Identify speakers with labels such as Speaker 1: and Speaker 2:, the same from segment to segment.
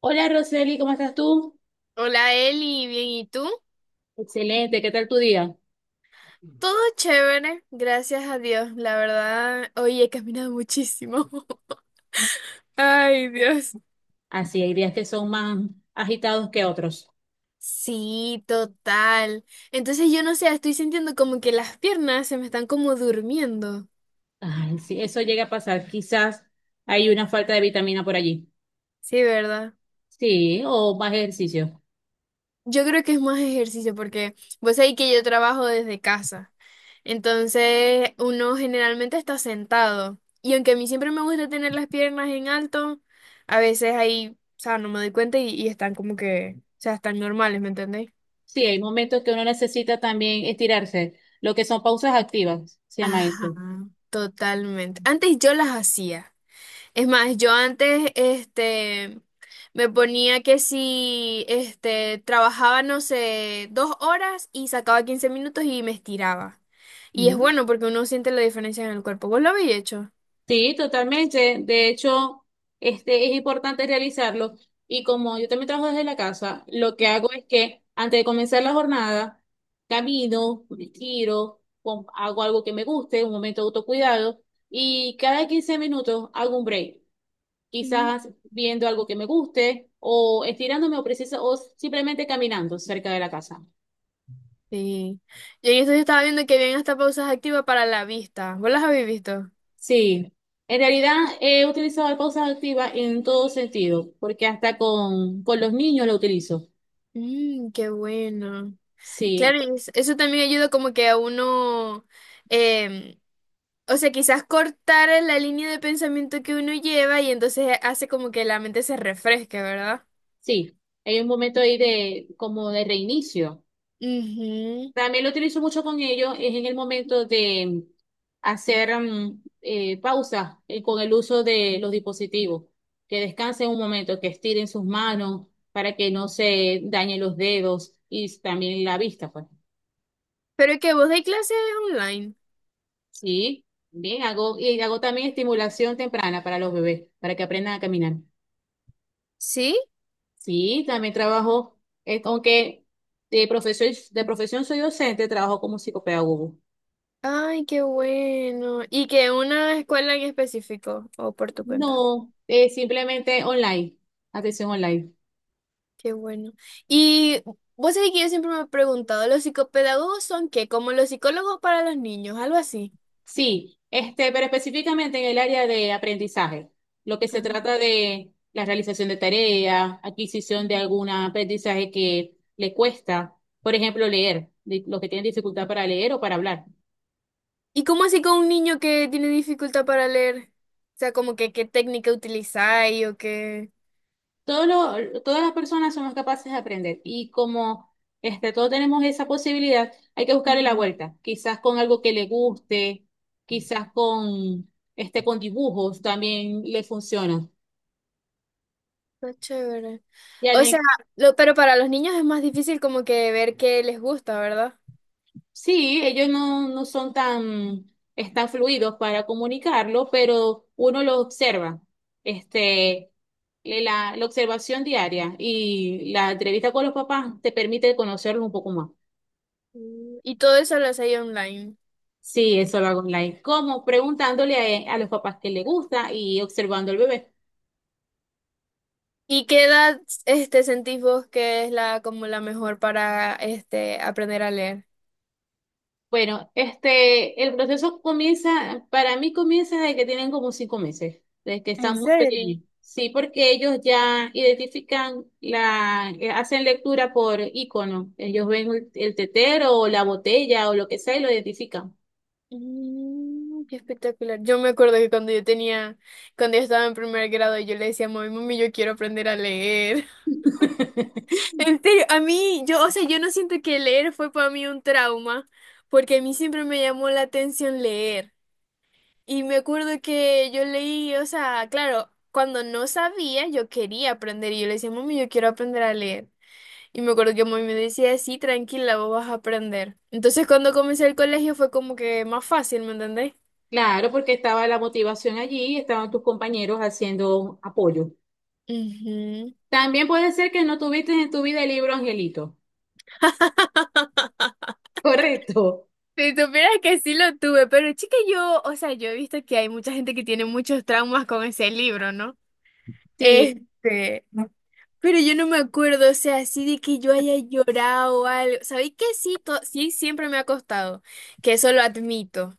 Speaker 1: Hola Roseli, ¿cómo estás tú?
Speaker 2: Hola Eli, bien, ¿y tú?
Speaker 1: Excelente, ¿qué tal tu día?
Speaker 2: Todo chévere, gracias a Dios, la verdad. Hoy he caminado muchísimo. Ay, Dios.
Speaker 1: Así, hay días que son más agitados que otros.
Speaker 2: Sí, total. Entonces yo no sé, estoy sintiendo como que las piernas se me están como durmiendo.
Speaker 1: Ay, sí, eso llega a pasar. Quizás hay una falta de vitamina por allí.
Speaker 2: Sí, ¿verdad?
Speaker 1: Sí, o más ejercicio.
Speaker 2: Yo creo que es más ejercicio porque vos sabés que yo trabajo desde casa. Entonces uno generalmente está sentado. Y aunque a mí siempre me gusta tener las piernas en alto, a veces ahí, o sea, no me doy cuenta y están como que, o sea, están normales, ¿me entendéis?
Speaker 1: Sí, hay momentos que uno necesita también estirarse, lo que son pausas activas, se llama
Speaker 2: Ajá,
Speaker 1: eso.
Speaker 2: totalmente. Antes yo las hacía. Es más, yo antes, me ponía que si, trabajaba, no sé, 2 horas y sacaba 15 minutos y me estiraba. Y es
Speaker 1: Ujú.
Speaker 2: bueno porque uno siente la diferencia en el cuerpo. ¿Vos lo habéis hecho?
Speaker 1: Sí, totalmente. De hecho, este es importante realizarlo. Y como yo también trabajo desde la casa, lo que hago es que antes de comenzar la jornada, camino, respiro, hago algo que me guste, un momento de autocuidado, y cada 15 minutos hago un break,
Speaker 2: Mm.
Speaker 1: quizás viendo algo que me guste, o estirándome o precisa, o simplemente caminando cerca de la casa.
Speaker 2: Sí. Yo en esto yo estaba viendo que habían hasta pausas activas para la vista. ¿Vos las habéis visto?
Speaker 1: Sí, en realidad he utilizado la pausa activa en todo sentido, porque hasta con los niños lo utilizo.
Speaker 2: Mmm, qué bueno.
Speaker 1: Sí,
Speaker 2: Claro, y eso también ayuda como que a uno em, o sea, quizás cortar la línea de pensamiento que uno lleva y entonces hace como que la mente se refresque, ¿verdad?
Speaker 1: sí, hay un momento ahí de como de reinicio.
Speaker 2: Ujú.
Speaker 1: También lo utilizo mucho con ellos, es en el momento de hacer pausa con el uso de los dispositivos, que descansen un momento, que estiren sus manos para que no se dañen los dedos y también la vista, pues.
Speaker 2: Pero que vos dais clases online.
Speaker 1: Sí, bien, hago, y hago también estimulación temprana para los bebés, para que aprendan a caminar.
Speaker 2: ¿Sí?
Speaker 1: Sí, también trabajo, aunque de profesión soy docente, trabajo como psicopedagogo.
Speaker 2: Ay, qué bueno. ¿Y que una escuela en específico, o por tu cuenta?
Speaker 1: No, simplemente online, atención online.
Speaker 2: Qué bueno. Y vos sabés que yo siempre me he preguntado, ¿los psicopedagogos son qué? ¿Como los psicólogos para los niños? Algo así.
Speaker 1: Sí, este, pero específicamente en el área de aprendizaje, lo que se
Speaker 2: Ah.
Speaker 1: trata de la realización de tareas, adquisición de algún aprendizaje que le cuesta, por ejemplo, leer, los que tienen dificultad para leer o para hablar.
Speaker 2: ¿Y cómo así con un niño que tiene dificultad para leer? O sea, ¿como que qué técnica utilizáis o qué?
Speaker 1: Todas las personas somos capaces de aprender y como este, todos tenemos esa posibilidad, hay que buscarle la
Speaker 2: Ujú.
Speaker 1: vuelta, quizás con algo que le guste, quizás con, este, con dibujos también le funciona.
Speaker 2: Está chévere.
Speaker 1: Y
Speaker 2: O sea,
Speaker 1: al-
Speaker 2: lo, pero para los niños es más difícil como que ver qué les gusta, ¿verdad?
Speaker 1: sí, ellos no, no son tan, están fluidos para comunicarlo, pero uno lo observa, este, la observación diaria y la entrevista con los papás te permite conocerlos un poco más.
Speaker 2: Mm. Y todo eso lo hacéis online.
Speaker 1: Sí, eso lo hago online. ¿Cómo? Preguntándole a los papás qué le gusta y observando al bebé.
Speaker 2: ¿Y qué edad sentís vos que es la como la mejor para aprender a leer?
Speaker 1: Bueno, este, el proceso comienza, para mí comienza desde que tienen como 5 meses, desde que
Speaker 2: ¿En
Speaker 1: están muy
Speaker 2: serio?
Speaker 1: pequeños. Sí, porque ellos ya identifican hacen lectura por icono. Ellos ven el tetero o la botella o lo que sea y lo identifican.
Speaker 2: Mm, qué espectacular. Yo me acuerdo que cuando yo tenía, cuando yo estaba en primer grado, yo le decía, a mami, mami, yo quiero aprender a leer. En serio, a mí, yo, o sea, yo no siento que leer fue para mí un trauma, porque a mí siempre me llamó la atención leer. Y me acuerdo que yo leí, o sea, claro, cuando no sabía, yo quería aprender y yo le decía, mami, yo quiero aprender a leer. Y me acuerdo que mami me decía, sí, tranquila, vos vas a aprender. Entonces, cuando comencé el colegio fue como que más fácil, ¿me entendés?
Speaker 1: Claro, porque estaba la motivación allí, estaban tus compañeros haciendo apoyo.
Speaker 2: Ujú.
Speaker 1: También puede ser que no tuviste en tu vida el libro Angelito. Correcto.
Speaker 2: Si supieras que sí lo tuve, pero chica, yo, o sea, yo he visto que hay mucha gente que tiene muchos traumas con ese libro, ¿no?
Speaker 1: Sí,
Speaker 2: Este, pero yo no me acuerdo, o sea, así de que yo haya llorado o algo. ¿Sabéis que sí? Sí, siempre me ha costado, que eso lo admito.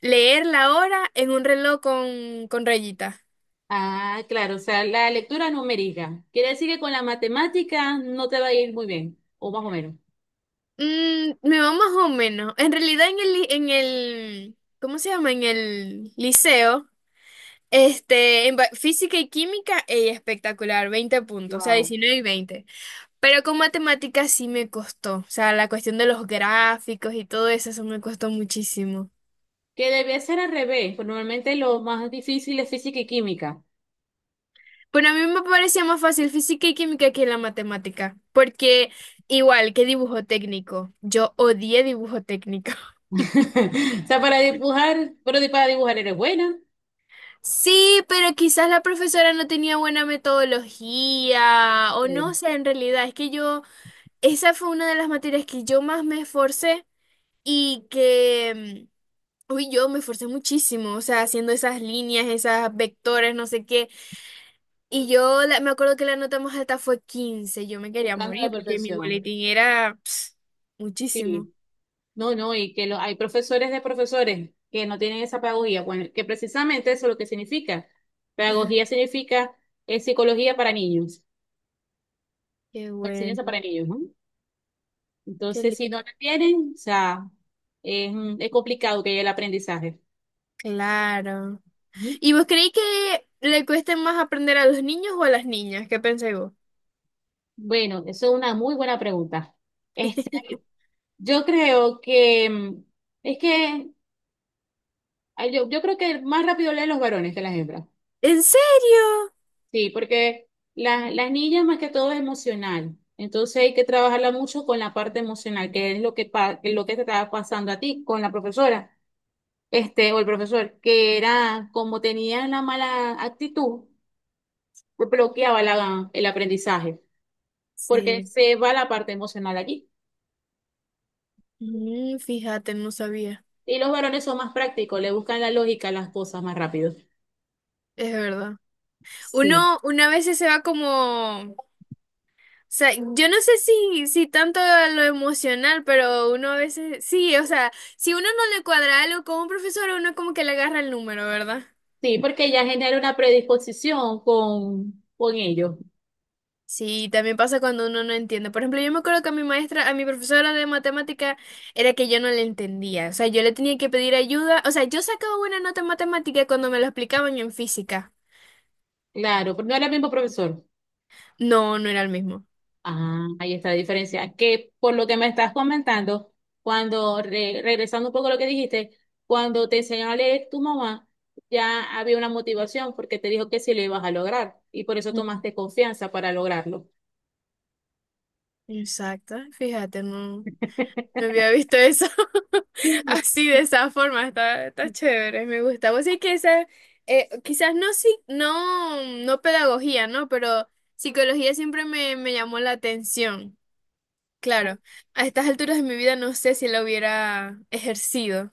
Speaker 2: Leer la hora en un reloj con rayita.
Speaker 1: ah, claro, o sea, la lectura numérica. Quiere decir que con la matemática no te va a ir muy bien, o más o menos.
Speaker 2: Mm, me va más o menos. En realidad en el, en el, ¿cómo se llama? En el liceo, en física y química, ella espectacular, 20 puntos, o sea,
Speaker 1: Wow.
Speaker 2: 19 y 20. Pero con matemáticas sí me costó. O sea, la cuestión de los gráficos y todo eso, eso me costó muchísimo.
Speaker 1: Que debe ser al revés, pues normalmente lo más difícil es física y química.
Speaker 2: Bueno, a mí me parecía más fácil física y química que la matemática, porque igual que dibujo técnico, yo odié dibujo técnico.
Speaker 1: O sea, para dibujar, pero para dibujar eres buena,
Speaker 2: Sí, pero quizás la profesora no tenía buena metodología o
Speaker 1: eh,
Speaker 2: no sé, en realidad es que yo, esa fue una de las materias que yo más me esforcé y que uy, yo me esforcé muchísimo, o sea, haciendo esas líneas, esas vectores, no sé qué. Y yo me acuerdo que la nota más alta fue 15. Yo me quería
Speaker 1: buscando la
Speaker 2: morir porque mi
Speaker 1: perfección.
Speaker 2: boletín era ps, muchísimo.
Speaker 1: Sí, no, no, y hay profesores de profesores que no tienen esa pedagogía, bueno, que precisamente eso es lo que significa.
Speaker 2: Ah,
Speaker 1: Pedagogía significa psicología para niños.
Speaker 2: qué
Speaker 1: Enseñanza
Speaker 2: bueno,
Speaker 1: para niños, ¿no?
Speaker 2: qué
Speaker 1: Entonces,
Speaker 2: li-
Speaker 1: si no la tienen, o sea, es complicado que haya el aprendizaje.
Speaker 2: claro.
Speaker 1: Ujú.
Speaker 2: ¿Y vos creéis que le cueste más aprender a los niños o a las niñas? ¿Qué pensáis vos?
Speaker 1: Bueno, eso es una muy buena pregunta. Este, yo creo que es que yo creo que más rápido leen los varones que las hembras.
Speaker 2: ¿En serio?
Speaker 1: Sí, porque las niñas más que todo es emocional. Entonces hay que trabajarla mucho con la parte emocional, que es lo que, que es lo que te estaba pasando a ti con la profesora, este, o el profesor, que era como tenía la mala actitud bloqueaba el aprendizaje, porque
Speaker 2: Sí.
Speaker 1: se va la parte emocional allí.
Speaker 2: Mm, fíjate, no sabía.
Speaker 1: Y los varones son más prácticos, le buscan la lógica a las cosas más rápido.
Speaker 2: Es verdad.
Speaker 1: Sí,
Speaker 2: Uno, una vez se va como o sea, yo no sé si tanto a lo emocional, pero uno a veces, sí, o sea, si uno no le cuadra algo con un profesor, uno como que le agarra el número, ¿verdad?
Speaker 1: sí, porque ya genera una predisposición con ellos.
Speaker 2: Sí, también pasa cuando uno no entiende. Por ejemplo, yo me acuerdo que a mi maestra, a mi profesora de matemática, era que yo no le entendía. O sea, yo le tenía que pedir ayuda. O sea, yo sacaba buena nota en matemática cuando me lo explicaban en física.
Speaker 1: Claro, porque no era el mismo profesor.
Speaker 2: No, no era el mismo.
Speaker 1: Ah, ahí está la diferencia. Que por lo que me estás comentando, cuando, regresando un poco a lo que dijiste, cuando te enseñó a leer tu mamá, ya había una motivación porque te dijo que sí lo ibas a lograr y por eso
Speaker 2: Mm.
Speaker 1: tomaste confianza para lograrlo.
Speaker 2: Exacto, fíjate, no. No había visto eso así, de esa forma, está, chévere, me gusta. Vos sí que esa, quizás no, sí, no, no pedagogía, ¿no? Pero psicología siempre me llamó la atención. Claro, a estas alturas de mi vida no sé si la hubiera ejercido,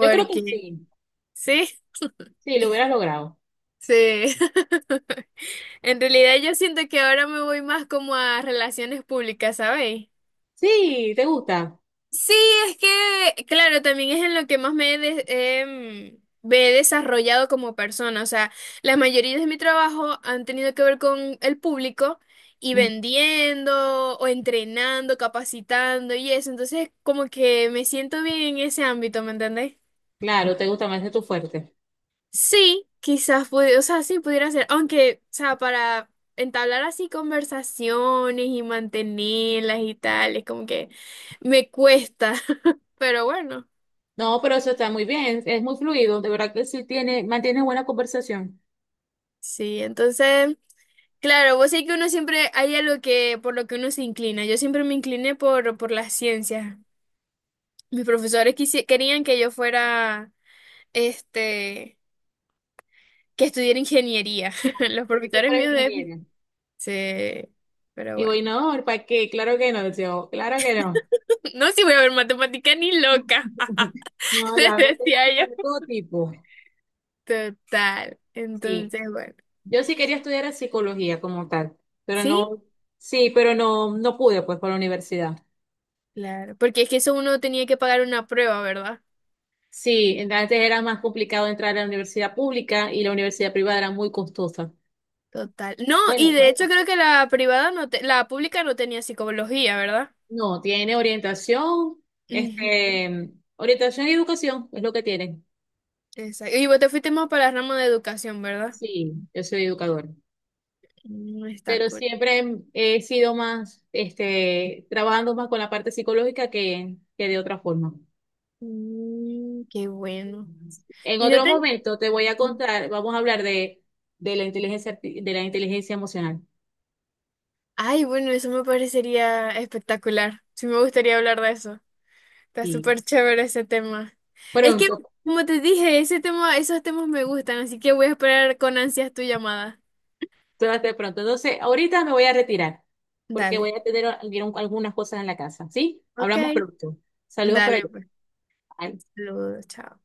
Speaker 1: Yo creo que sí,
Speaker 2: sí,
Speaker 1: sí, lo hubieras logrado.
Speaker 2: sí. En realidad yo siento que ahora me voy más como a relaciones públicas, ¿sabéis?
Speaker 1: Sí, te gusta.
Speaker 2: Sí, es que, claro, también es en lo que más me he, me he desarrollado como persona. O sea, la mayoría de mi trabajo han tenido que ver con el público y
Speaker 1: Mm,
Speaker 2: vendiendo o entrenando, capacitando y eso. Entonces, como que me siento bien en ese ámbito, ¿me entendés?
Speaker 1: claro, te gusta más de tu fuerte.
Speaker 2: Sí, quizás, o sea, sí pudiera ser, aunque, o sea, para entablar así conversaciones y mantenerlas y tal, es como que me cuesta, pero bueno.
Speaker 1: No, pero eso está muy bien, es muy fluido, de verdad que sí tiene, mantiene buena conversación.
Speaker 2: Sí, entonces, claro, vos sé que uno siempre hay algo que por lo que uno se inclina. Yo siempre me incliné por las ciencias. Mis profesores querían que yo fuera, este, que estudiara ingeniería. Los
Speaker 1: Tiene que
Speaker 2: profesores
Speaker 1: ser
Speaker 2: míos de.
Speaker 1: ingeniero.
Speaker 2: Sí, pero
Speaker 1: Y
Speaker 2: bueno.
Speaker 1: voy, no, ¿para qué? Claro que no, yo, claro que no.
Speaker 2: No, si voy a ver matemática ni loca,
Speaker 1: No, la
Speaker 2: les
Speaker 1: hago temática
Speaker 2: decía
Speaker 1: de
Speaker 2: yo.
Speaker 1: todo tipo.
Speaker 2: Total.
Speaker 1: Sí,
Speaker 2: Entonces, bueno.
Speaker 1: yo sí quería estudiar psicología como tal, pero
Speaker 2: Sí,
Speaker 1: no, sí, pero no, no pude pues por la universidad.
Speaker 2: claro. Porque es que eso uno tenía que pagar una prueba, ¿verdad?
Speaker 1: Sí, antes era más complicado entrar a la universidad pública y la universidad privada era muy costosa.
Speaker 2: Total. No, y
Speaker 1: Bueno,
Speaker 2: de hecho creo que la privada la pública no tenía psicología, ¿verdad?
Speaker 1: no, tiene orientación,
Speaker 2: Ujú.
Speaker 1: este, orientación y educación es lo que tiene.
Speaker 2: Exacto. Y vos te fuiste más para el ramo de educación, ¿verdad?
Speaker 1: Sí, yo soy educador,
Speaker 2: No, está
Speaker 1: pero
Speaker 2: cool.
Speaker 1: siempre he sido más, este, trabajando más con la parte psicológica que de otra forma.
Speaker 2: Mm, qué bueno.
Speaker 1: En
Speaker 2: Y no
Speaker 1: otro
Speaker 2: te.
Speaker 1: momento te voy a contar, vamos a hablar de la inteligencia, de la inteligencia emocional.
Speaker 2: Ay, bueno, eso me parecería espectacular. Sí me gustaría hablar de eso. Está
Speaker 1: Y
Speaker 2: súper chévere ese tema. Es que,
Speaker 1: pronto,
Speaker 2: como te dije, ese tema, esos temas me gustan, así que voy a esperar con ansias tu llamada.
Speaker 1: suerte pronto. Entonces, ahorita me voy a retirar porque
Speaker 2: Dale.
Speaker 1: voy a tener algunas cosas en la casa, ¿sí? Hablamos
Speaker 2: Ok.
Speaker 1: pronto. Saludos por
Speaker 2: Dale,
Speaker 1: allá.
Speaker 2: pues.
Speaker 1: Bye.
Speaker 2: Saludos, chao.